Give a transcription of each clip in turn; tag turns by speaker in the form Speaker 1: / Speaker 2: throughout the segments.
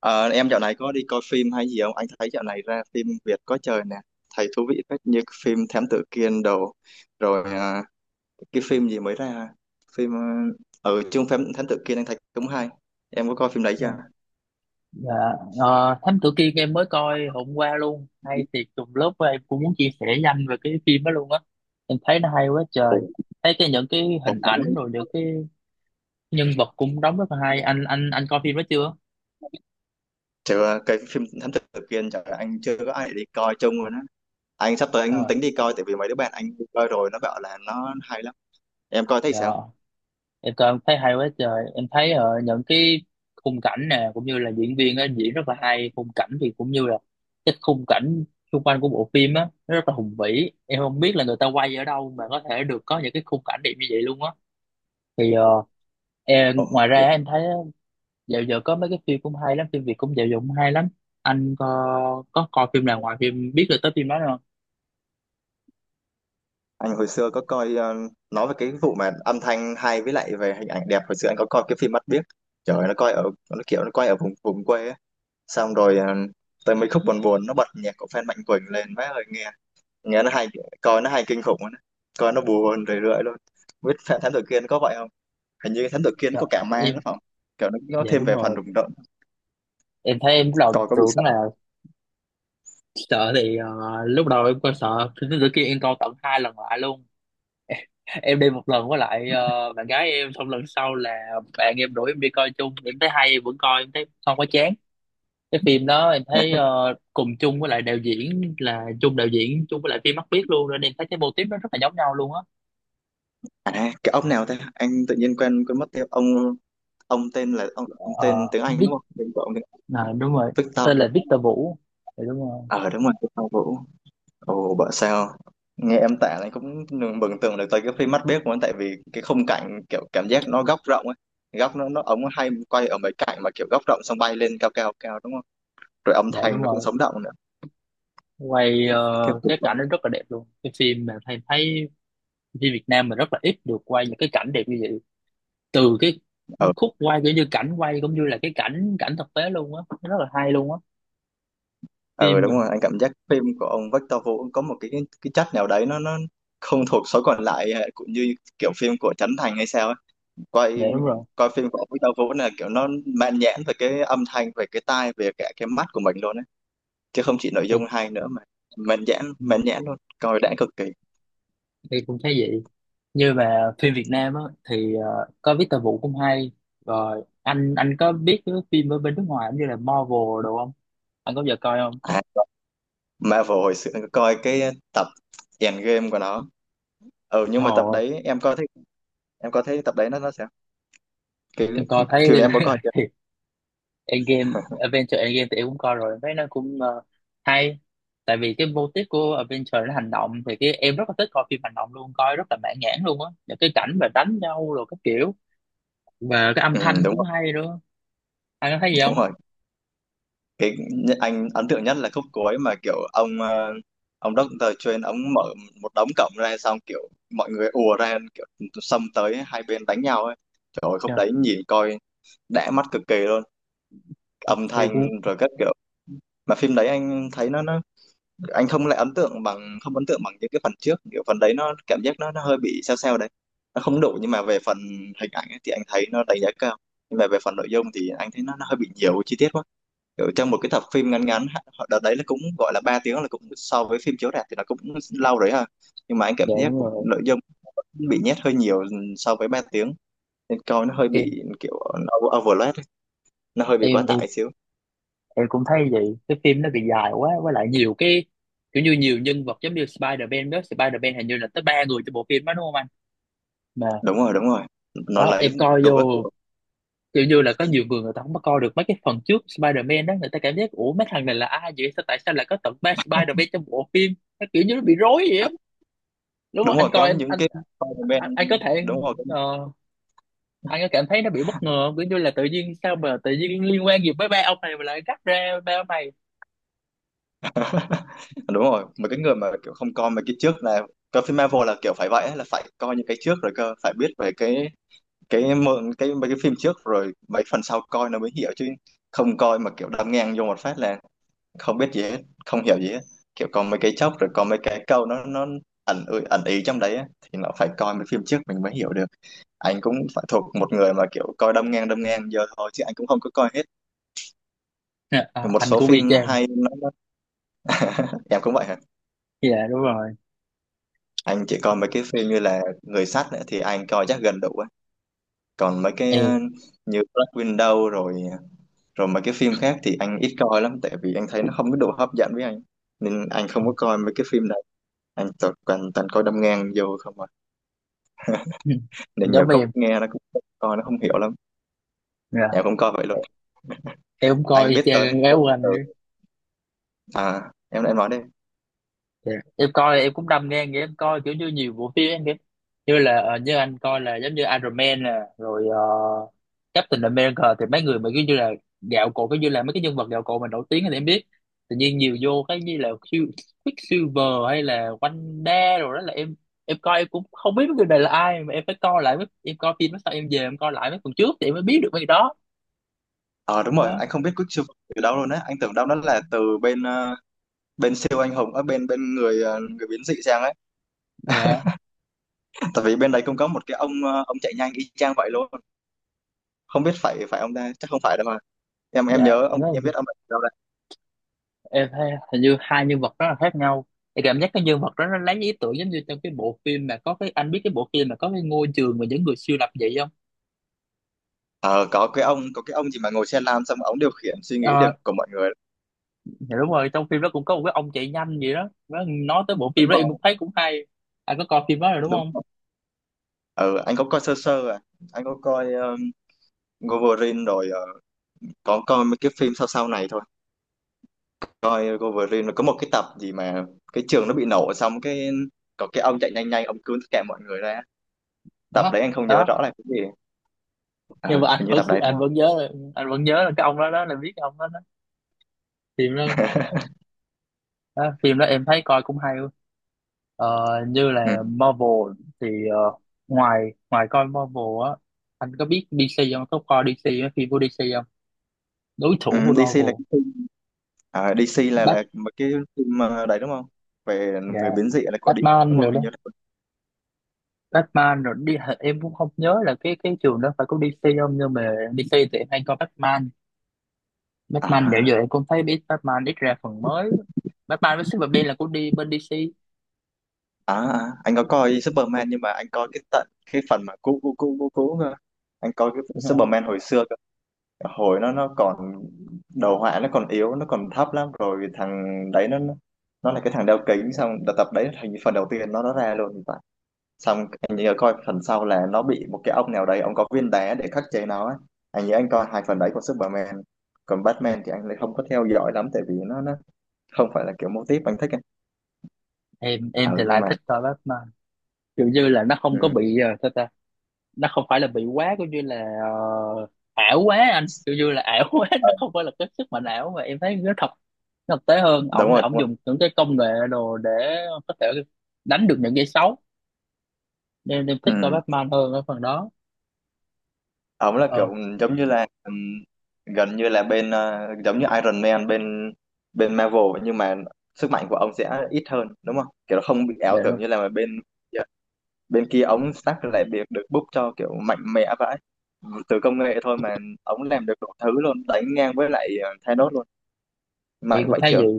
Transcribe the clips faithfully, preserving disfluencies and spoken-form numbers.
Speaker 1: Ờ, em dạo này có đi coi phim hay gì không? Anh thấy dạo này ra phim Việt có trời nè, thấy thú vị phết như cái phim Thám Tử Kiên đồ, rồi à, cái phim gì mới ra, phim ờ, ở chung phim Thám Tử Kiên anh thấy cũng hay. Em có coi phim đấy chưa?
Speaker 2: Dạ, ờ, Thám Tử Kiên em mới coi hôm qua luôn, hay thiệt. Trùng lớp em cũng muốn chia sẻ nhanh về cái phim đó luôn á, em thấy nó hay quá
Speaker 1: Ồ,
Speaker 2: trời. Thấy cái những cái hình ảnh rồi những cái nhân vật cũng đóng rất là hay. Anh anh anh coi phim đó chưa?
Speaker 1: chứ cái phim Thám Tử Kiên trời anh chưa có ai để đi coi chung rồi đó. Anh sắp tới anh
Speaker 2: Ờ,
Speaker 1: tính đi coi, tại vì mấy đứa bạn anh đi coi rồi nó bảo là nó hay lắm. Em coi thấy sao?
Speaker 2: dạ, em coi em thấy hay quá trời. Em thấy ờ, những cái khung cảnh nè cũng như là diễn viên á, diễn rất là hay. Khung cảnh thì cũng như là cái khung cảnh xung quanh của bộ phim á, nó rất là hùng vĩ, em không biết là người ta quay ở đâu mà có thể được có những cái khung cảnh đẹp như vậy luôn á. thì ờ, Ê,
Speaker 1: Ồ.
Speaker 2: ngoài ra em thấy ờ, dạo giờ có mấy cái phim cũng hay lắm, phim Việt cũng dạo giờ cũng hay lắm. Anh có có coi phim nào ngoài phim biết được tới phim đó không?
Speaker 1: Anh hồi xưa có coi ờ, nói về cái vụ mà âm thanh hay với lại về hình ảnh đẹp, hồi xưa anh có coi cái phim Mắt Biếc. Trời ơi, nó coi ở, nó kiểu nó quay ở vùng vùng quê á. xong rồi ờ, tới mấy khúc buồn buồn nó bật nhạc của Phan Mạnh Quỳnh lên, má ơi, nghe nghe nó hay, coi nó hay kinh khủng luôn á. Coi nó buồn rười rượi luôn. Không biết Phan Thám Tử Kiên có vậy không, hình như Thám Tử Kiên
Speaker 2: Trời,
Speaker 1: có cả ma nữa
Speaker 2: em
Speaker 1: phải không, kiểu nó nó
Speaker 2: dạ
Speaker 1: thêm
Speaker 2: đúng
Speaker 1: về phần
Speaker 2: rồi.
Speaker 1: rùng rợn.
Speaker 2: Em thấy em lúc đầu
Speaker 1: Coi có bị
Speaker 2: tưởng
Speaker 1: sợ?
Speaker 2: là sợ, thì ờ, lúc đầu em coi sợ phim, tới kia em coi tận hai lần lại luôn. Em đi một lần với lại ờ, bạn gái em, xong lần sau là bạn em rủ em đi coi chung, em thấy hay em vẫn coi, em thấy không có chán. Cái phim đó em thấy ờ, cùng chung với lại đạo diễn, là chung đạo diễn chung với lại phim Mắt biết luôn, nên em thấy cái mô típ nó rất là giống nhau luôn á.
Speaker 1: À, cái ông nào thế, anh tự nhiên quen quên mất tiêu ông ông tên là ông, ông tên
Speaker 2: Ờ,
Speaker 1: tiếng Anh đúng
Speaker 2: Vic,
Speaker 1: không, tên của ông tiếng.
Speaker 2: à, đúng rồi,
Speaker 1: Victor.
Speaker 2: tên là Victor Vũ. Dạ đúng rồi.
Speaker 1: ờ Đúng rồi, cái Phong Vũ. Ồ, bảo sao, nghe em tả này cũng mường- mường tượng được tới cái phim Mắt Biếc của anh, tại vì cái khung cảnh kiểu cảm giác nó góc rộng ấy, góc nó nó ống hay quay ở mấy cảnh mà kiểu góc rộng xong bay lên cao cao cao đúng không, rồi âm
Speaker 2: Dạ
Speaker 1: thanh
Speaker 2: đúng
Speaker 1: nó cũng
Speaker 2: rồi.
Speaker 1: sống động nữa.
Speaker 2: quay ờ,
Speaker 1: Cái
Speaker 2: cái
Speaker 1: cục-
Speaker 2: cảnh nó rất là đẹp luôn, cái phim mà thầy thấy. Phim Việt Nam mà rất là ít được quay những cái cảnh đẹp như vậy. Từ cái
Speaker 1: ờ
Speaker 2: khúc quay kiểu như cảnh quay cũng như là cái cảnh cảnh thực tế luôn á. Nó rất là hay luôn á.
Speaker 1: ờ
Speaker 2: Phim
Speaker 1: Đúng
Speaker 2: mà.
Speaker 1: rồi, anh cảm giác phim của ông Victor Vũ có một cái cái chất nào đấy nó nó không thuộc số còn lại, ờ, cũng như kiểu phim của Trấn Thành hay sao ấy. quay
Speaker 2: Dạ đúng rồi.
Speaker 1: Coi phim của ông Victor Vũ là kiểu nó mãn nhãn về cái âm thanh, về cái tai, về cả cái mắt của mình luôn ấy. Chứ không chỉ nội
Speaker 2: thì,
Speaker 1: dung hay nữa mà mãn nhãn,
Speaker 2: ừ,
Speaker 1: mãn nhãn luôn, coi đã cực kỳ.
Speaker 2: thì cũng thấy vậy. Như mà phim Việt Nam á, thì ờ, có Victor Vũ cũng hay. Rồi anh anh có biết cái phim ở bên nước ngoài cũng như là Marvel đồ không? Anh có bao giờ coi không?
Speaker 1: À, Marvel hồi xưa coi cái tập Endgame của nó. Ừ nhưng
Speaker 2: Trời
Speaker 1: mà tập
Speaker 2: ơi,
Speaker 1: đấy em coi thấy em coi thấy tập đấy nó nó sao cái,
Speaker 2: em coi thấy.
Speaker 1: thì em có coi chưa.
Speaker 2: thì Endgame, Avengers Endgame thì em cũng coi rồi, em thấy nó cũng ờ, hay. Tại vì cái mô típ của Avengers nó hành động, thì cái em rất là thích coi phim hành động luôn, coi rất là mãn nhãn luôn á. Những cái cảnh mà đánh nhau rồi các kiểu, và cái âm
Speaker 1: Ừ,
Speaker 2: thanh
Speaker 1: đúng
Speaker 2: cũng
Speaker 1: rồi,
Speaker 2: hay nữa. Anh có thấy gì
Speaker 1: đúng
Speaker 2: không?
Speaker 1: rồi, cái nh- anh ấn tượng nhất là khúc cuối mà kiểu ông ờ, ông Doctor Strange ông mở một đống cổng ra xong kiểu mọi người ùa ra kiểu xông tới hai bên đánh nhau ấy, trời ơi khúc
Speaker 2: Dạ,
Speaker 1: đấy nhìn coi đã mắt cực kỳ luôn, âm
Speaker 2: em
Speaker 1: thanh
Speaker 2: cũng
Speaker 1: rồi các kiểu. Mà phim đấy anh thấy nó nó anh không lại ấn tượng bằng, không ấn tượng bằng những cái phần trước, kiểu phần đấy nó cảm giác nó nó hơi bị sao sao đấy, nó không đủ. Nhưng mà về phần hình ảnh ấy, thì anh thấy nó đánh giá cao, nhưng mà về phần nội dung thì anh thấy nó, nó hơi bị nhiều chi tiết quá, kiểu trong một cái tập phim ngắn ngắn. Họ- đợt đấy là cũng gọi là ba tiếng, là cũng so với phim chiếu rạp thì nó cũng lâu đấy ha, nhưng mà anh cảm
Speaker 2: dạ
Speaker 1: giác
Speaker 2: đúng rồi.
Speaker 1: nội dung vẫn bị nhét hơi nhiều so với ba tiếng nên coi nó hơi
Speaker 2: em
Speaker 1: bị kiểu nó overload ấy, nó hơi bị quá
Speaker 2: em em
Speaker 1: tải xíu.
Speaker 2: em cũng thấy vậy, cái phim nó bị dài quá, với lại nhiều cái kiểu như nhiều nhân vật, giống như Spider-Man đó, Spider-Man hình như là tới ba người trong bộ phim đó, đúng không anh? Mà
Speaker 1: Đúng rồi, đúng rồi, nó
Speaker 2: đó,
Speaker 1: lấy
Speaker 2: em coi
Speaker 1: đủ các
Speaker 2: vô
Speaker 1: kiểu.
Speaker 2: kiểu như là có nhiều người, người ta không có coi được mấy cái phần trước Spider-Man đó, người ta cảm giác ủa mấy thằng này là ai vậy, sao tại sao lại có tận ba Spider-Man trong bộ phim? Nó kiểu như nó bị rối vậy á. Đúng không
Speaker 1: Đúng
Speaker 2: anh
Speaker 1: rồi,
Speaker 2: coi,
Speaker 1: có
Speaker 2: anh
Speaker 1: những
Speaker 2: anh
Speaker 1: cái comment.
Speaker 2: anh, anh có thể
Speaker 1: Đúng rồi.
Speaker 2: ờ, anh có cảm thấy nó bị bất ngờ không? Kiểu như là tự nhiên sao mà tự nhiên liên quan gì với ba ông này mà lại cắt ra ba ông này.
Speaker 1: Đúng rồi, mà cái người mà kiểu không coi mấy cái trước là coi phim Marvel là kiểu phải vậy ấy, là phải coi những cái trước rồi cơ, phải biết về cái cái mượn, cái mấy cái phim trước rồi mấy phần sau coi nó mới hiểu, chứ không coi mà kiểu đâm ngang vô một phát là không biết gì hết, không hiểu gì hết, kiểu coi mấy cái chốc rồi coi mấy cái câu nó nó ẩn ừ, ẩn ý trong đấy á, thì nó phải coi mấy phim trước mình mới hiểu được. Anh cũng phải thuộc một người mà kiểu coi đâm ngang, đâm ngang giờ thôi, chứ anh cũng không có coi hết
Speaker 2: À, à,
Speaker 1: một
Speaker 2: anh
Speaker 1: số
Speaker 2: cũng
Speaker 1: phim
Speaker 2: y chang.
Speaker 1: hay nó. Em cũng vậy hả?
Speaker 2: Dạ đúng rồi.
Speaker 1: Anh chỉ coi mấy cái phim như là Người sắt nữa thì anh coi chắc gần đủ á. Còn mấy cái
Speaker 2: Em
Speaker 1: ờ, như Black Widow rồi, rồi mấy cái phim khác thì anh ít coi lắm tại vì anh thấy nó không có đủ hấp dẫn với anh. Nên anh không có coi mấy cái phim này. Anh toàn toàn, toàn coi đâm ngang vô không à. Nên nhiều
Speaker 2: giống
Speaker 1: khúc
Speaker 2: em.
Speaker 1: nghe nó cũng không coi nó không hiểu lắm.
Speaker 2: Dạ,
Speaker 1: Em cũng coi vậy luôn.
Speaker 2: em cũng coi
Speaker 1: Anh
Speaker 2: y
Speaker 1: biết tới một
Speaker 2: chang gái
Speaker 1: vùng
Speaker 2: của anh.
Speaker 1: từ, à em em nói đi.
Speaker 2: Dạ. Em coi em cũng đâm ngang, em coi kiểu như nhiều bộ phim em kìa, như là ờ, như anh coi là giống như Iron Man nè, rồi ờ, Captain America. Thì mấy người mà kiểu như là gạo cội, kiểu như là mấy cái nhân vật gạo cội mà nổi tiếng thì em biết. Tự nhiên nhiều vô cái như là Quick- Quicksilver hay là Wanda rồi, đó là em em coi em cũng không biết mấy người này là ai, mà em phải coi lại mấy- em coi phim đó sau em về em coi lại mấy phần trước thì em mới biết được mấy cái đó,
Speaker 1: Ờ đúng rồi,
Speaker 2: đó.
Speaker 1: anh không biết Quicksilver từ đâu luôn á. Anh tưởng đâu nó là từ bên ờ, bên siêu anh hùng ở bên bên người, ờ, người biến dị sang á,
Speaker 2: Dạ,
Speaker 1: tại vì bên đấy cũng có một cái ông ờ, ông chạy nhanh y chang vậy luôn, không biết phải, phải ông ta chắc không phải đâu mà, em em
Speaker 2: dạ
Speaker 1: nhớ ông
Speaker 2: em nói,
Speaker 1: em biết ông ấy ở đâu đấy.
Speaker 2: em thấy hình như hai nhân vật rất là khác nhau. Em cảm giác cái nhân vật đó nó lấy ý tưởng giống như trong cái bộ phim mà có cái, anh biết cái bộ phim mà có cái ngôi trường mà những người siêu lập vậy không?
Speaker 1: Ờ, có cái ông, có cái ông gì mà ngồi xe lam xong ông điều khiển suy nghĩ được
Speaker 2: Ờ,
Speaker 1: của mọi người
Speaker 2: dạ đúng rồi, trong phim đó cũng có một cái ông chạy nhanh gì đó. Nó nói tới bộ phim
Speaker 1: đúng
Speaker 2: đó em cũng
Speaker 1: không,
Speaker 2: thấy cũng hay. Anh có coi phim đó rồi đúng
Speaker 1: đúng
Speaker 2: không?
Speaker 1: không. Ừ, anh có coi sơ sơ à, anh có coi um, Wolverine rồi ờ, có coi mấy cái phim sau sau này thôi, coi Wolverine rồi có một cái tập gì mà cái trường nó bị nổ xong cái, có cái ông chạy nhanh nhanh ông cứu tất cả mọi người ra, tập
Speaker 2: Đó.
Speaker 1: đấy anh không nhớ
Speaker 2: Đó.
Speaker 1: rõ là cái gì. ờ,
Speaker 2: Nhưng mà anh
Speaker 1: Hình như
Speaker 2: vẫn
Speaker 1: tập đấy đúng
Speaker 2: anh
Speaker 1: không.
Speaker 2: vẫn nhớ là- anh vẫn nhớ là cái ông đó, đó là biết cái ông đó, đó. Phim đó, đó phim đó em thấy coi cũng hay. Ờ, như
Speaker 1: Ừ.
Speaker 2: là Marvel, thì ờ, ngoài ngoài coi Marvel á, anh có biết đê xê không, có coi đê xê á, phim của đê xê không? Đối
Speaker 1: Ừ,
Speaker 2: thủ của
Speaker 1: đê xê là
Speaker 2: Marvel.
Speaker 1: cái. À, đê xê là là
Speaker 2: Bat
Speaker 1: một cái phim mà đấy đúng không? Về
Speaker 2: dạ,
Speaker 1: người biến dị là của đê xê đúng
Speaker 2: Batman
Speaker 1: không?
Speaker 2: rồi đó.
Speaker 1: Anh nhớ được.
Speaker 2: Batman rồi đi, em cũng không nhớ là cái cái trường đó phải có đê xê không, nhưng mà đê xê thì em hay coi Batman. Batman dạo giờ
Speaker 1: À,
Speaker 2: em cũng thấy biết Batman ít ra phần mới. Batman với Superman là của đi bên đê xê.
Speaker 1: à, À, anh có coi Superman nhưng mà anh coi cái tận cái phần mà cũ cũ cũ cũ cũ cơ. Anh coi cái Superman hồi xưa cơ. Hồi nó nó còn đầu họa nó còn yếu, nó còn thấp lắm, rồi thằng đấy nó nó nó là cái thằng đeo kính xong đợt tập đấy thành phần đầu tiên nó nó ra luôn, xong anh nhớ coi phần sau là nó bị một cái ông nào đấy, ông có viên đá để khắc chế nó ấy. Anh nhớ anh coi hai phần đấy của Superman. Còn Batman thì anh lại không có theo dõi lắm tại vì nó nó không phải là kiểu mô típ anh thích ấy.
Speaker 2: em
Speaker 1: Ừ
Speaker 2: em thì
Speaker 1: nhưng
Speaker 2: lại
Speaker 1: mà.
Speaker 2: thích coi Batman, kiểu như là nó
Speaker 1: Ừ.
Speaker 2: không có bị uh, nó không phải là bị quá coi như là ờ, ảo quá, anh coi như là ảo quá.
Speaker 1: ờ,
Speaker 2: Nó không phải là cái sức mạnh ảo mà em thấy nó thật. Nó thực tế hơn,
Speaker 1: Đúng
Speaker 2: ổng là
Speaker 1: rồi, đúng
Speaker 2: ổng
Speaker 1: rồi.
Speaker 2: dùng những cái công nghệ đồ để có thể đánh được những cái xấu, nên em thích coi
Speaker 1: Ừ.
Speaker 2: Batman hơn ở phần đó.
Speaker 1: Ổng là
Speaker 2: Ờ
Speaker 1: kiểu giống như là, ừ, gần như là bên ờ, giống như Iron Man bên, bên Marvel, nhưng mà sức mạnh của ông sẽ ít hơn đúng không, kiểu nó không bị ảo
Speaker 2: để,
Speaker 1: tưởng như là bên, bên kia, ống stack lại việc được book cho kiểu mạnh mẽ vãi từ công nghệ thôi mà, ống làm được đủ thứ luôn, đánh ngang với lại ờ, Thanos luôn,
Speaker 2: thì
Speaker 1: mạnh
Speaker 2: cũng
Speaker 1: vãi
Speaker 2: thấy gì.
Speaker 1: chưởng.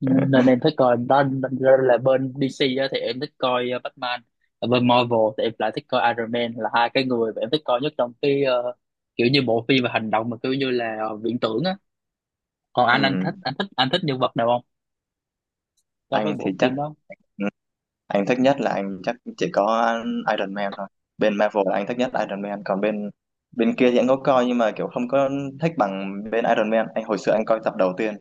Speaker 2: Nên, nên em thích coi, đó đó là bên đê xê á, thì em thích coi ờ, Batman. Ở bên Marvel thì em lại thích coi Iron Man, là hai cái người mà em thích coi nhất trong cái ờ, kiểu như bộ phim và hành động mà kiểu như là ờ, viễn tưởng á. Còn anh anh
Speaker 1: Ừ.
Speaker 2: thích anh thích anh thích nhân vật nào không, so với
Speaker 1: Anh thì
Speaker 2: bộ
Speaker 1: chắc,
Speaker 2: phim đó?
Speaker 1: ừ, anh thích nhất là anh chắc chỉ có Iron Man thôi. Bên Marvel là anh thích nhất Iron Man, còn bên, bên kia thì anh có coi nhưng mà kiểu không có thích bằng bên Iron Man. Anh hồi xưa anh coi tập đầu tiên,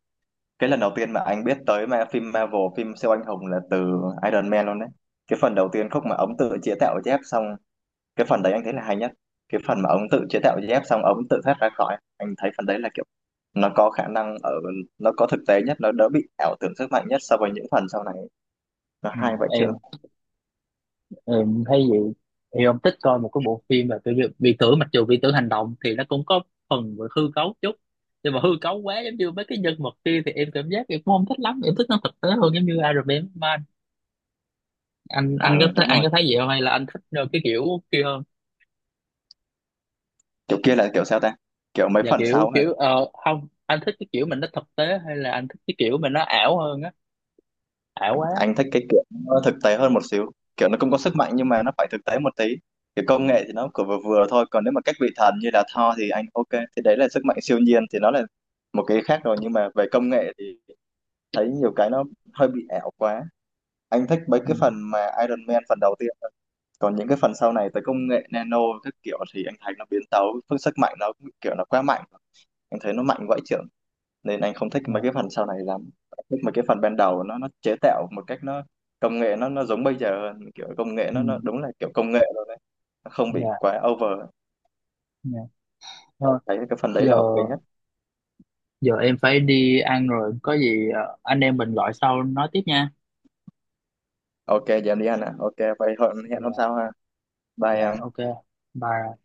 Speaker 1: cái lần đầu tiên mà anh biết tới mà phim Marvel phim siêu anh hùng là từ Iron Man luôn đấy, cái phần đầu tiên khúc mà ống tự chế tạo dép xong, cái phần đấy anh thấy là hay nhất, cái phần mà ông tự chế tạo dép xong ông tự thoát ra khỏi, anh thấy phần đấy là kiểu nó có khả năng ở, nó có thực tế nhất, nó đỡ bị ảo tưởng sức mạnh nhất so với những phần sau này, nó
Speaker 2: Ừ,
Speaker 1: hay vậy chứ.
Speaker 2: em, em thấy vậy. Thì ông thích coi một cái bộ phim là kiểu như viễn tưởng, mặc dù viễn tưởng hành động thì nó cũng có phần về hư cấu chút, nhưng mà hư cấu quá giống như mấy cái nhân vật kia thì em cảm giác em cũng không thích lắm. Em thích nó thực tế hơn, giống như Iron Man Man. anh anh có
Speaker 1: ờ
Speaker 2: thấy
Speaker 1: Đúng
Speaker 2: anh
Speaker 1: rồi,
Speaker 2: có thấy vậy không, hay là anh thích ờ, cái kiểu kia hơn?
Speaker 1: kiểu kia là kiểu sao ta, kiểu mấy
Speaker 2: Và
Speaker 1: phần
Speaker 2: kiểu
Speaker 1: sau thôi.
Speaker 2: kiểu ờ, Không, anh thích cái kiểu mình nó thực tế, hay là anh thích cái kiểu mình nó ảo hơn á, ảo quá?
Speaker 1: Anh thích cái kiểu nó thực tế hơn một xíu, kiểu nó cũng có sức mạnh nhưng mà nó phải thực tế một tí, cái công nghệ thì nó cứ vừa vừa thôi, còn nếu mà các vị thần như là Thor thì anh ok, thì đấy là sức mạnh siêu nhiên thì nó là một cái khác rồi, nhưng mà về công nghệ thì thấy nhiều cái nó hơi bị ảo quá. Anh thích mấy
Speaker 2: Ừ.
Speaker 1: cái phần mà Iron Man phần đầu tiên thôi. Còn những cái phần sau này tới công nghệ nano các kiểu thì anh thấy nó biến tấu phương sức mạnh nó cũng kiểu nó quá mạnh, anh thấy nó mạnh vãi chưởng, nên anh không thích mấy
Speaker 2: Ờ.
Speaker 1: cái phần sau này lắm. Anh thích mấy cái phần ban đầu nó nó chế tạo một cách nó công nghệ nó nó giống bây giờ hơn, kiểu công nghệ
Speaker 2: Ừ.
Speaker 1: nó nó đúng là kiểu công nghệ rồi đấy, nó không bị
Speaker 2: Dạ.
Speaker 1: quá over.
Speaker 2: Dạ
Speaker 1: Anh
Speaker 2: thôi,
Speaker 1: thấy cái phần đấy
Speaker 2: giờ
Speaker 1: là ok nhất.
Speaker 2: giờ em phải đi ăn rồi, có gì ờ, anh em mình gọi sau nói tiếp nha.
Speaker 1: Ok, giờ em đi ăn ạ, ok vậy hẹn hẹn hôm
Speaker 2: Dạ.
Speaker 1: sau ha, bye
Speaker 2: Dạ
Speaker 1: em.
Speaker 2: ok, bye.